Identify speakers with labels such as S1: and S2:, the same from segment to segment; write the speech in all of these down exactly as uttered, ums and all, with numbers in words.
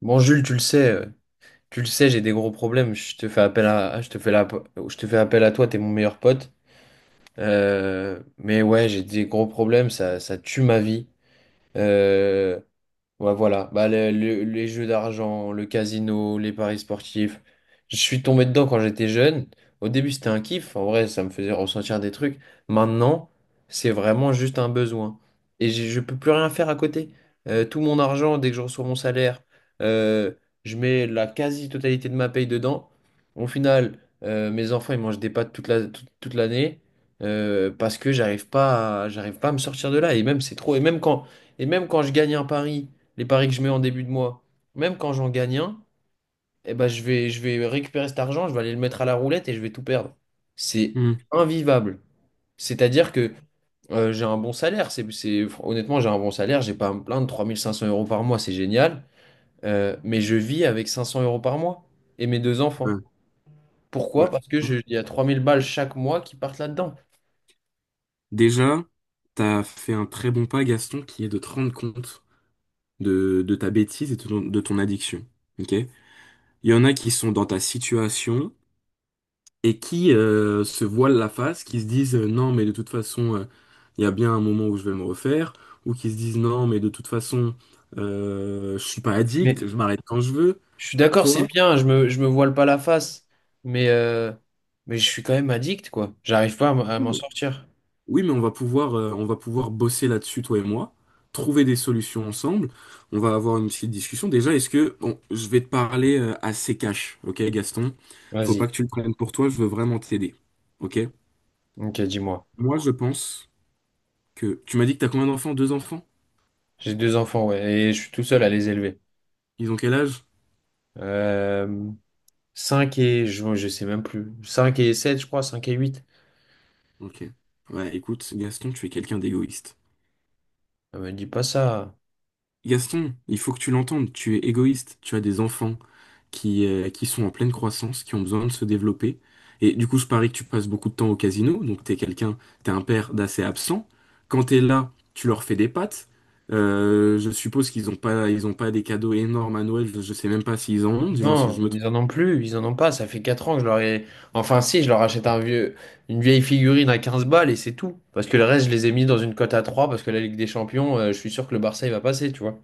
S1: Bon, Jules, tu le sais, euh, tu le sais, j'ai des gros problèmes. Je te fais appel à, je te fais la- je te fais appel à toi, t'es mon meilleur pote. Euh, mais ouais, j'ai des gros problèmes, ça, ça tue ma vie. Euh, Ouais, voilà. Bah, le- le- les jeux d'argent, le casino, les paris sportifs. Je suis tombé dedans quand j'étais jeune. Au début, c'était un kiff. En vrai, ça me faisait ressentir des trucs. Maintenant, c'est vraiment juste un besoin. Et j'ai- je peux plus rien faire à côté. Euh, tout mon argent, dès que je reçois mon salaire, euh, je mets la quasi-totalité de ma paye dedans. Au final, euh, mes enfants, ils mangent des pâtes toute la, toute, toute l'année, euh, parce que j'arrive pas à, j'arrive pas à me sortir de là. Et même, c'est trop. Et même quand, et même quand je gagne un pari les paris que je mets en début de mois, même quand j'en gagne un, eh ben je vais, je vais récupérer cet argent, je vais aller le mettre à la roulette et je vais tout perdre. C'est
S2: Hmm.
S1: invivable. C'est-à-dire que euh, j'ai un bon salaire. C'est, c'est- honnêtement, j'ai un bon salaire, j'ai pas à me plaindre. Trois mille cinq cents euros par mois, c'est génial. Euh, mais je vis avec cinq cents euros par mois et mes deux
S2: Ouais.
S1: enfants. Pourquoi?
S2: Bah,
S1: Parce que
S2: ouais.
S1: je, il y a trois mille balles chaque mois qui partent là-dedans.
S2: Déjà, t'as fait un très bon pas, Gaston, qui est de te rendre compte de, de ta bêtise et de ton, de ton addiction. Ok? Il y en a qui sont dans ta situation et qui euh, se voilent la face, qui se disent euh, non, mais de toute façon, euh, il y a bien un moment où je vais me refaire, ou qui se disent non, mais de toute façon, euh, je suis pas
S1: Mais
S2: addict, je m'arrête quand je veux.
S1: je suis d'accord, c'est
S2: Toi?
S1: bien, je me, je me voile pas la face, mais, euh, mais je suis quand même addict, quoi. J'arrive pas à m- à m'en sortir.
S2: Oui, mais on va pouvoir, euh, on va pouvoir bosser là-dessus, toi et moi, trouver des solutions ensemble. On va avoir une petite discussion. Déjà, est-ce que bon, je vais te parler euh, assez cash, ok, Gaston? Faut pas
S1: Vas-y.
S2: que tu le prennes pour toi. Je veux vraiment t'aider, ok?
S1: Ok, dis-moi.
S2: Moi, je pense que tu m'as dit que t'as combien d'enfants? Deux enfants?
S1: J'ai deux enfants, ouais, et je suis tout seul à les élever.
S2: Ils ont quel âge?
S1: Euh, cinq et. Je, je sais même plus. Cinq et sept je crois, cinq et huit.
S2: Ok. Ouais, écoute, Gaston, tu es quelqu'un d'égoïste.
S1: Ne me dis pas ça.
S2: Gaston, il faut que tu l'entendes, tu es égoïste, tu as des enfants qui, euh, qui sont en pleine croissance, qui ont besoin de se développer. Et du coup, je parie que tu passes beaucoup de temps au casino, donc t'es quelqu'un, t'es un père d'assez absent. Quand t'es là, tu leur fais des pâtes. Euh, je suppose qu'ils n'ont pas, ils ont pas des cadeaux énormes à Noël, je, je sais même pas s'ils en ont, dis-moi si je
S1: Non,
S2: me trompe.
S1: ils en ont plus, ils en ont pas. Ça fait quatre ans que je leur ai. Enfin si, je leur achète un vieux... une vieille figurine à quinze balles et c'est tout. Parce que le reste, je les ai mis dans une cote à trois parce que la Ligue des Champions, euh, je suis sûr que le Barça, il va passer, tu vois.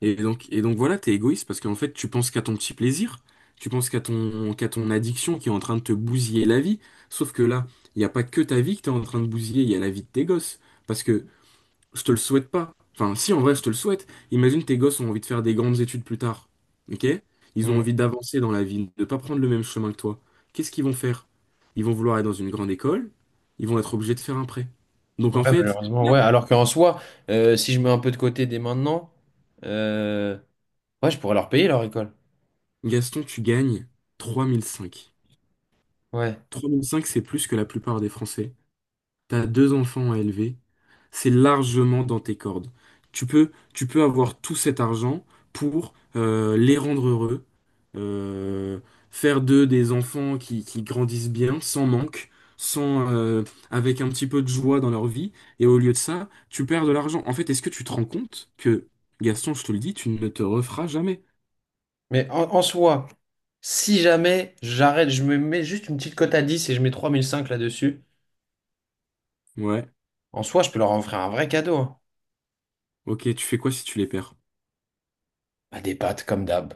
S2: Et donc, et donc voilà, t'es égoïste parce qu'en fait, tu penses qu'à ton petit plaisir, tu penses qu'à ton, qu'à ton addiction qui est en train de te bousiller la vie. Sauf que là, il n'y a pas que ta vie que t'es en train de bousiller, il y a la vie de tes gosses. Parce que je te le souhaite pas. Enfin, si, en vrai, je te le souhaite. Imagine tes gosses ont envie de faire des grandes études plus tard. Ok? Ils ont
S1: Mm.
S2: envie d'avancer dans la vie, de ne pas prendre le même chemin que toi. Qu'est-ce qu'ils vont faire? Ils vont vouloir être dans une grande école, ils vont être obligés de faire un prêt. Donc
S1: Ouais,
S2: en fait,
S1: malheureusement,
S2: là,
S1: ouais. Alors qu'en soi, euh, si je mets un peu de côté dès maintenant, euh, ouais, je pourrais leur payer leur école.
S2: Gaston, tu gagnes trois mille cinq.
S1: Ouais.
S2: trois virgule cinq, c'est plus que la plupart des Français. T'as deux enfants à élever, c'est largement dans tes cordes. Tu peux, tu peux avoir tout cet argent pour euh, les rendre heureux, euh, faire d'eux des enfants qui, qui grandissent bien, sans manque, sans, euh, avec un petit peu de joie dans leur vie. Et au lieu de ça, tu perds de l'argent. En fait, est-ce que tu te rends compte que, Gaston, je te le dis, tu ne te referas jamais?
S1: Mais en, en soi, si jamais j'arrête, je me mets juste une petite cote à dix et je mets trois mille cinq là-dessus,
S2: Ouais,
S1: en soi, je peux leur offrir un vrai cadeau, hein.
S2: ok, tu fais quoi si tu les perds?
S1: Bah, des pâtes comme d'hab.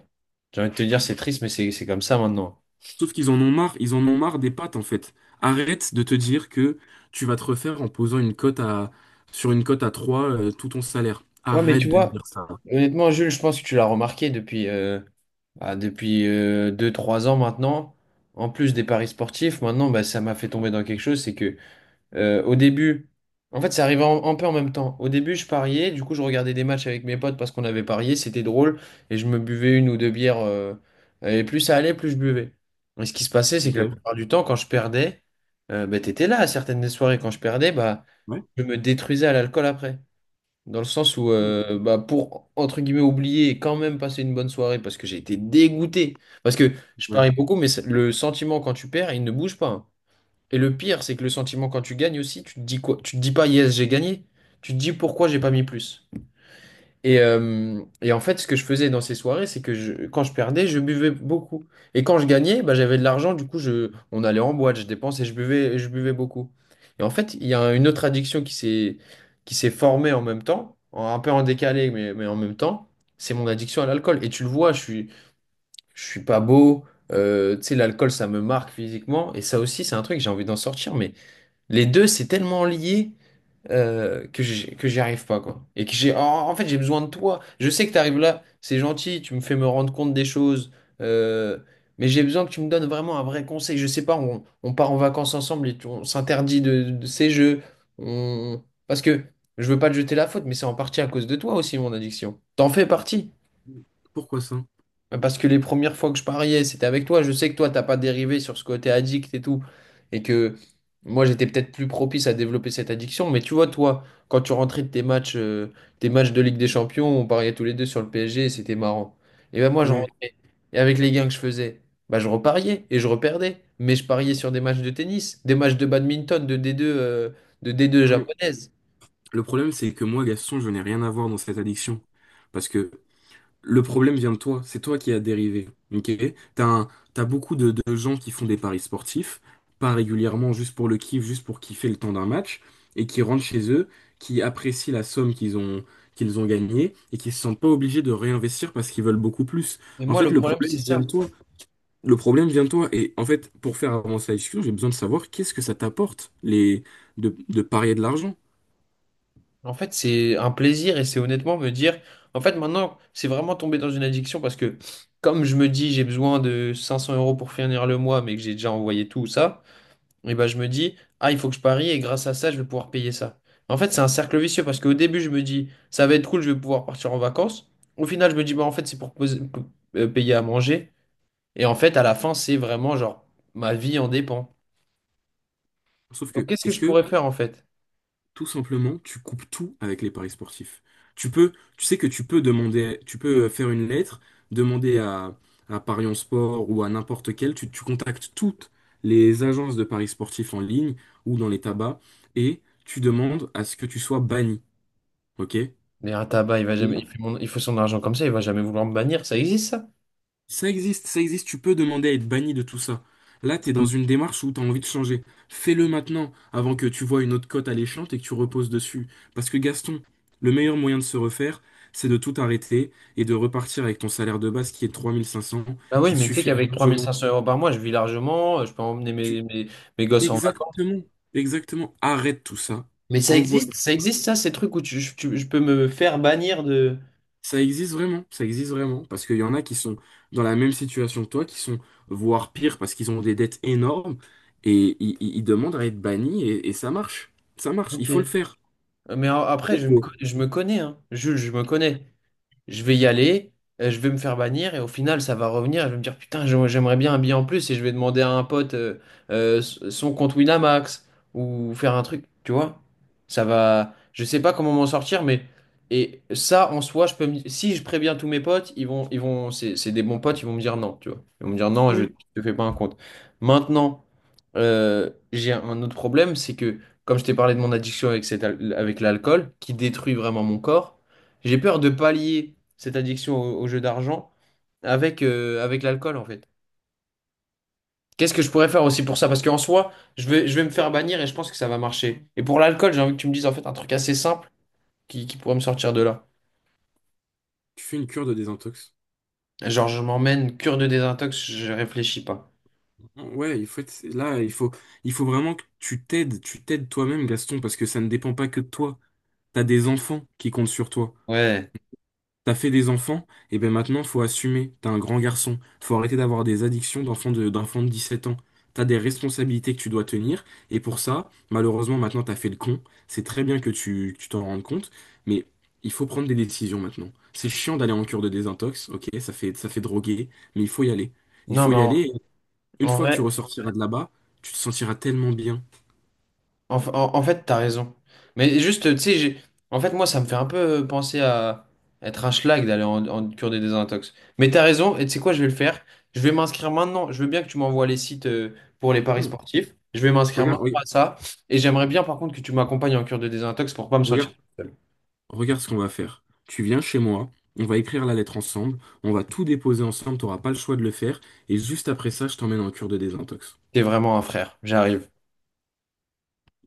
S1: J'ai envie de te dire, c'est triste, mais c'est c'est comme ça maintenant.
S2: Sauf qu'ils en ont marre, ils en ont marre des pattes en fait. Arrête de te dire que tu vas te refaire en posant une cote à sur une cote à trois euh, tout ton salaire.
S1: Ouais, mais tu
S2: Arrête de
S1: vois,
S2: dire ça.
S1: honnêtement, Jules, je pense que tu l'as remarqué depuis, euh, bah, depuis deux trois ans maintenant. En plus des paris sportifs, maintenant, bah, ça m'a fait tomber dans quelque chose, c'est que Euh, au début, en fait, ça arrivait en- un peu en même temps. Au début, je pariais, du coup, je regardais des matchs avec mes potes parce qu'on avait parié, c'était drôle, et je me buvais une ou deux bières, euh, et plus ça allait, plus je buvais. Et ce qui se passait, c'est que la
S2: Ok.
S1: plupart du temps, quand je perdais, euh, bah, t'étais là à certaines des soirées. Quand je perdais, bah,
S2: Ouais.
S1: je me détruisais à l'alcool après. Dans le sens où, euh, bah, pour, entre guillemets, oublier et quand même passer une bonne soirée parce que j'ai été dégoûté. Parce que je
S2: Ouais.
S1: parie beaucoup, mais c'est- le sentiment quand tu perds, il ne bouge pas, hein. Et le pire, c'est que le sentiment quand tu gagnes aussi, tu te dis quoi? Tu te dis pas yes, j'ai gagné. Tu te dis pourquoi j'ai pas mis plus. Et, euh, et en fait, ce que je faisais dans ces soirées, c'est que je- quand je perdais, je buvais beaucoup. Et quand je gagnais, bah, j'avais de l'argent, du coup, je, on allait en boîte, je dépensais, je buvais, je buvais beaucoup. Et en fait, il y a une autre addiction qui s'est, qui s'est formée en même temps, en- un peu en décalé, mais, mais en même temps, c'est mon addiction à l'alcool. Et tu le vois, je suis, je suis pas beau, euh, tu sais, l'alcool, ça me marque physiquement. Et ça aussi, c'est un truc, j'ai envie d'en sortir, mais. Les deux, c'est tellement lié euh, que j'y- que j'y arrive pas, quoi. Et que j'ai, en, en fait, j'ai besoin de toi. Je sais que t'arrives là, c'est gentil, tu me fais me rendre compte des choses, euh, mais j'ai besoin que tu me donnes vraiment un vrai conseil. Je sais pas, on, on part en vacances ensemble et tu- on s'interdit de, de ces jeux. On. Parce que je veux pas te jeter la faute, mais c'est en partie à cause de toi aussi, mon addiction. T'en fais partie.
S2: Pourquoi ça?
S1: Bah, parce que les premières fois que je pariais, c'était avec toi. Je sais que toi, t'as pas dérivé sur ce côté addict et tout. Et que moi, j'étais peut-être plus propice à développer cette addiction. Mais tu vois, toi, quand tu rentrais de tes matchs, euh, tes matchs de Ligue des Champions, on pariait tous les deux sur le P S G et c'était marrant. Et ben moi, je
S2: Ouais.
S1: rentrais. Et avec les gains que je faisais, bah, je repariais et je reperdais. Mais je pariais sur des matchs de tennis, des matchs de badminton, de D deux, euh, de D deux
S2: Ouais.
S1: japonaise.
S2: Le problème, c'est que moi, Gaston, je n'ai rien à voir dans cette addiction. Parce que Le problème vient de toi, c'est toi qui as dérivé. Ok? T'as un- t'as beaucoup de, de gens qui font des paris sportifs, pas régulièrement, juste pour le kiff, juste pour kiffer le temps d'un match, et qui rentrent chez eux, qui apprécient la somme qu'ils ont, qu'ils ont gagnée, et qui se sentent pas obligés de réinvestir parce qu'ils veulent beaucoup plus.
S1: Mais
S2: En
S1: moi,
S2: fait,
S1: le
S2: le
S1: problème,
S2: problème
S1: c'est
S2: vient
S1: ça.
S2: de toi. Le problème vient de toi. Et en fait, pour faire avancer la discussion, j'ai besoin de savoir qu'est-ce que ça t'apporte les, de, de parier de l'argent.
S1: En fait, c'est un plaisir et c'est honnêtement me dire, en fait, maintenant, c'est vraiment tombé dans une addiction parce que, comme je me dis, j'ai besoin de cinq cents euros pour finir le mois, mais que j'ai déjà envoyé tout ça, et ben, je me dis, ah, il faut que je parie et grâce à ça, je vais pouvoir payer ça. En fait, c'est un cercle vicieux parce qu'au début, je me dis, ça va être cool, je vais pouvoir partir en vacances. Au final, je me dis, bah, en fait, c'est pour poser- euh, payer à manger. Et en fait, à la fin, c'est vraiment genre, ma vie en dépend.
S2: Sauf
S1: Donc,
S2: que,
S1: qu'est-ce que
S2: est-ce
S1: je
S2: que
S1: pourrais faire en fait?
S2: Tout simplement, tu coupes tout avec les paris sportifs. Tu peux, tu sais que tu peux demander, tu peux euh, faire une lettre, demander à, à Paris en Sport ou à n'importe quel, tu, tu contactes toutes les agences de paris sportifs en ligne ou dans les tabacs et tu demandes à ce que tu sois banni. OK?
S1: Mais un tabac, il va jamais,
S2: Là,
S1: il fait mon- il faut son argent comme ça, il va jamais vouloir me bannir. Ça existe, ça?
S2: Ça existe, ça existe, tu peux demander à être banni de tout ça. Là, t'es dans une démarche où t'as envie de changer. Fais-le maintenant, avant que tu vois une autre cote alléchante et que tu reposes dessus. Parce que Gaston, le meilleur moyen de se refaire, c'est de tout arrêter et de repartir avec ton salaire de base qui est trois mille cinq cents,
S1: Bah
S2: qui
S1: oui,
S2: te
S1: mais tu sais
S2: suffira
S1: qu'avec
S2: largement.
S1: trois mille cinq cents euros par mois, je vis largement, euh, je peux emmener
S2: Tu...
S1: mes, mes, mes gosses en vacances.
S2: Exactement, exactement. Arrête tout ça.
S1: Mais ça existe, ça existe, ça, ces trucs où tu, je tu- je peux me faire bannir de.
S2: Ça existe vraiment, ça existe vraiment, parce qu'il y en a qui sont dans la même situation que toi, qui sont voire pire parce qu'ils ont des dettes énormes et ils, ils- ils demandent à être bannis et, et ça marche, ça marche, il
S1: Ok.
S2: faut le faire.
S1: Mais a- après,
S2: Peut-être
S1: je
S2: que
S1: me, co- je me connais, hein. Jules, je me connais. Je vais y aller, euh, je vais me faire bannir et au final ça va revenir et je vais me dire putain j'a- j'aimerais bien un billet en plus et je vais demander à un pote euh, euh, s- son compte Winamax ou faire un truc, tu vois? Ça va, je sais pas comment m'en sortir mais et ça en soi je peux me- si je préviens tous mes potes, ils vont ils vont c'est c'est des bons potes, ils vont me dire non, tu vois. Ils vont me dire non, je
S2: ouais,
S1: te fais pas un compte. Maintenant euh, j'ai un autre problème, c'est que comme je t'ai parlé de mon addiction avec, cette al- avec l'alcool, qui détruit vraiment mon corps, j'ai peur de pallier cette addiction au, au jeu d'argent avec, euh, avec l'alcool, en fait. Qu'est-ce que je pourrais faire aussi pour ça? Parce qu'en soi, je vais, je vais me faire bannir et je pense que ça va marcher. Et pour l'alcool, j'ai envie que tu me dises en fait un truc assez simple qui, qui pourrait me sortir de là.
S2: tu fais une cure de désintox.
S1: Genre, je m'emmène cure de désintox, je réfléchis pas.
S2: Ouais, il faut être- là, il faut, il faut vraiment que tu t'aides, tu t'aides toi-même, Gaston, parce que ça ne dépend pas que de toi. T'as des enfants qui comptent sur toi.
S1: Ouais.
S2: T'as fait des enfants, et ben maintenant faut assumer, t'es un grand garçon, faut arrêter d'avoir des addictions d'enfant de, d'enfant de dix-sept ans. T'as des responsabilités que tu dois tenir, et pour ça, malheureusement maintenant t'as fait le con, c'est très bien que tu, que tu t'en rendes compte, mais il faut prendre des décisions maintenant. C'est chiant d'aller en cure de désintox, ok, ça fait, ça fait droguer, mais il faut y aller. Il
S1: Non,
S2: faut
S1: mais
S2: y
S1: en,
S2: aller, et une
S1: en
S2: fois que tu
S1: vrai,
S2: ressortiras de là-bas, tu te sentiras tellement bien.
S1: En, en, en fait, t'as raison. Mais juste, tu sais, j'ai- en fait, moi, ça me fait un peu penser à être un schlag d'aller en, en cure des désintox. Mais t'as raison, et tu sais quoi, je vais le faire. Je vais m'inscrire maintenant. Je veux bien que tu m'envoies les sites euh, pour les paris
S2: Hmm.
S1: sportifs. Je vais m'inscrire
S2: Regarde,
S1: maintenant à
S2: regarde,
S1: ça. Et j'aimerais bien, par contre, que tu m'accompagnes en cure de désintox pour pas me sentir
S2: regarde,
S1: seul.
S2: Regarde ce qu'on va faire. Tu viens chez moi, on va écrire la lettre ensemble, on va tout déposer ensemble, t'auras pas le choix de le faire, et juste après ça, je t'emmène en cure de désintox.
S1: T'es vraiment un frère. J'arrive.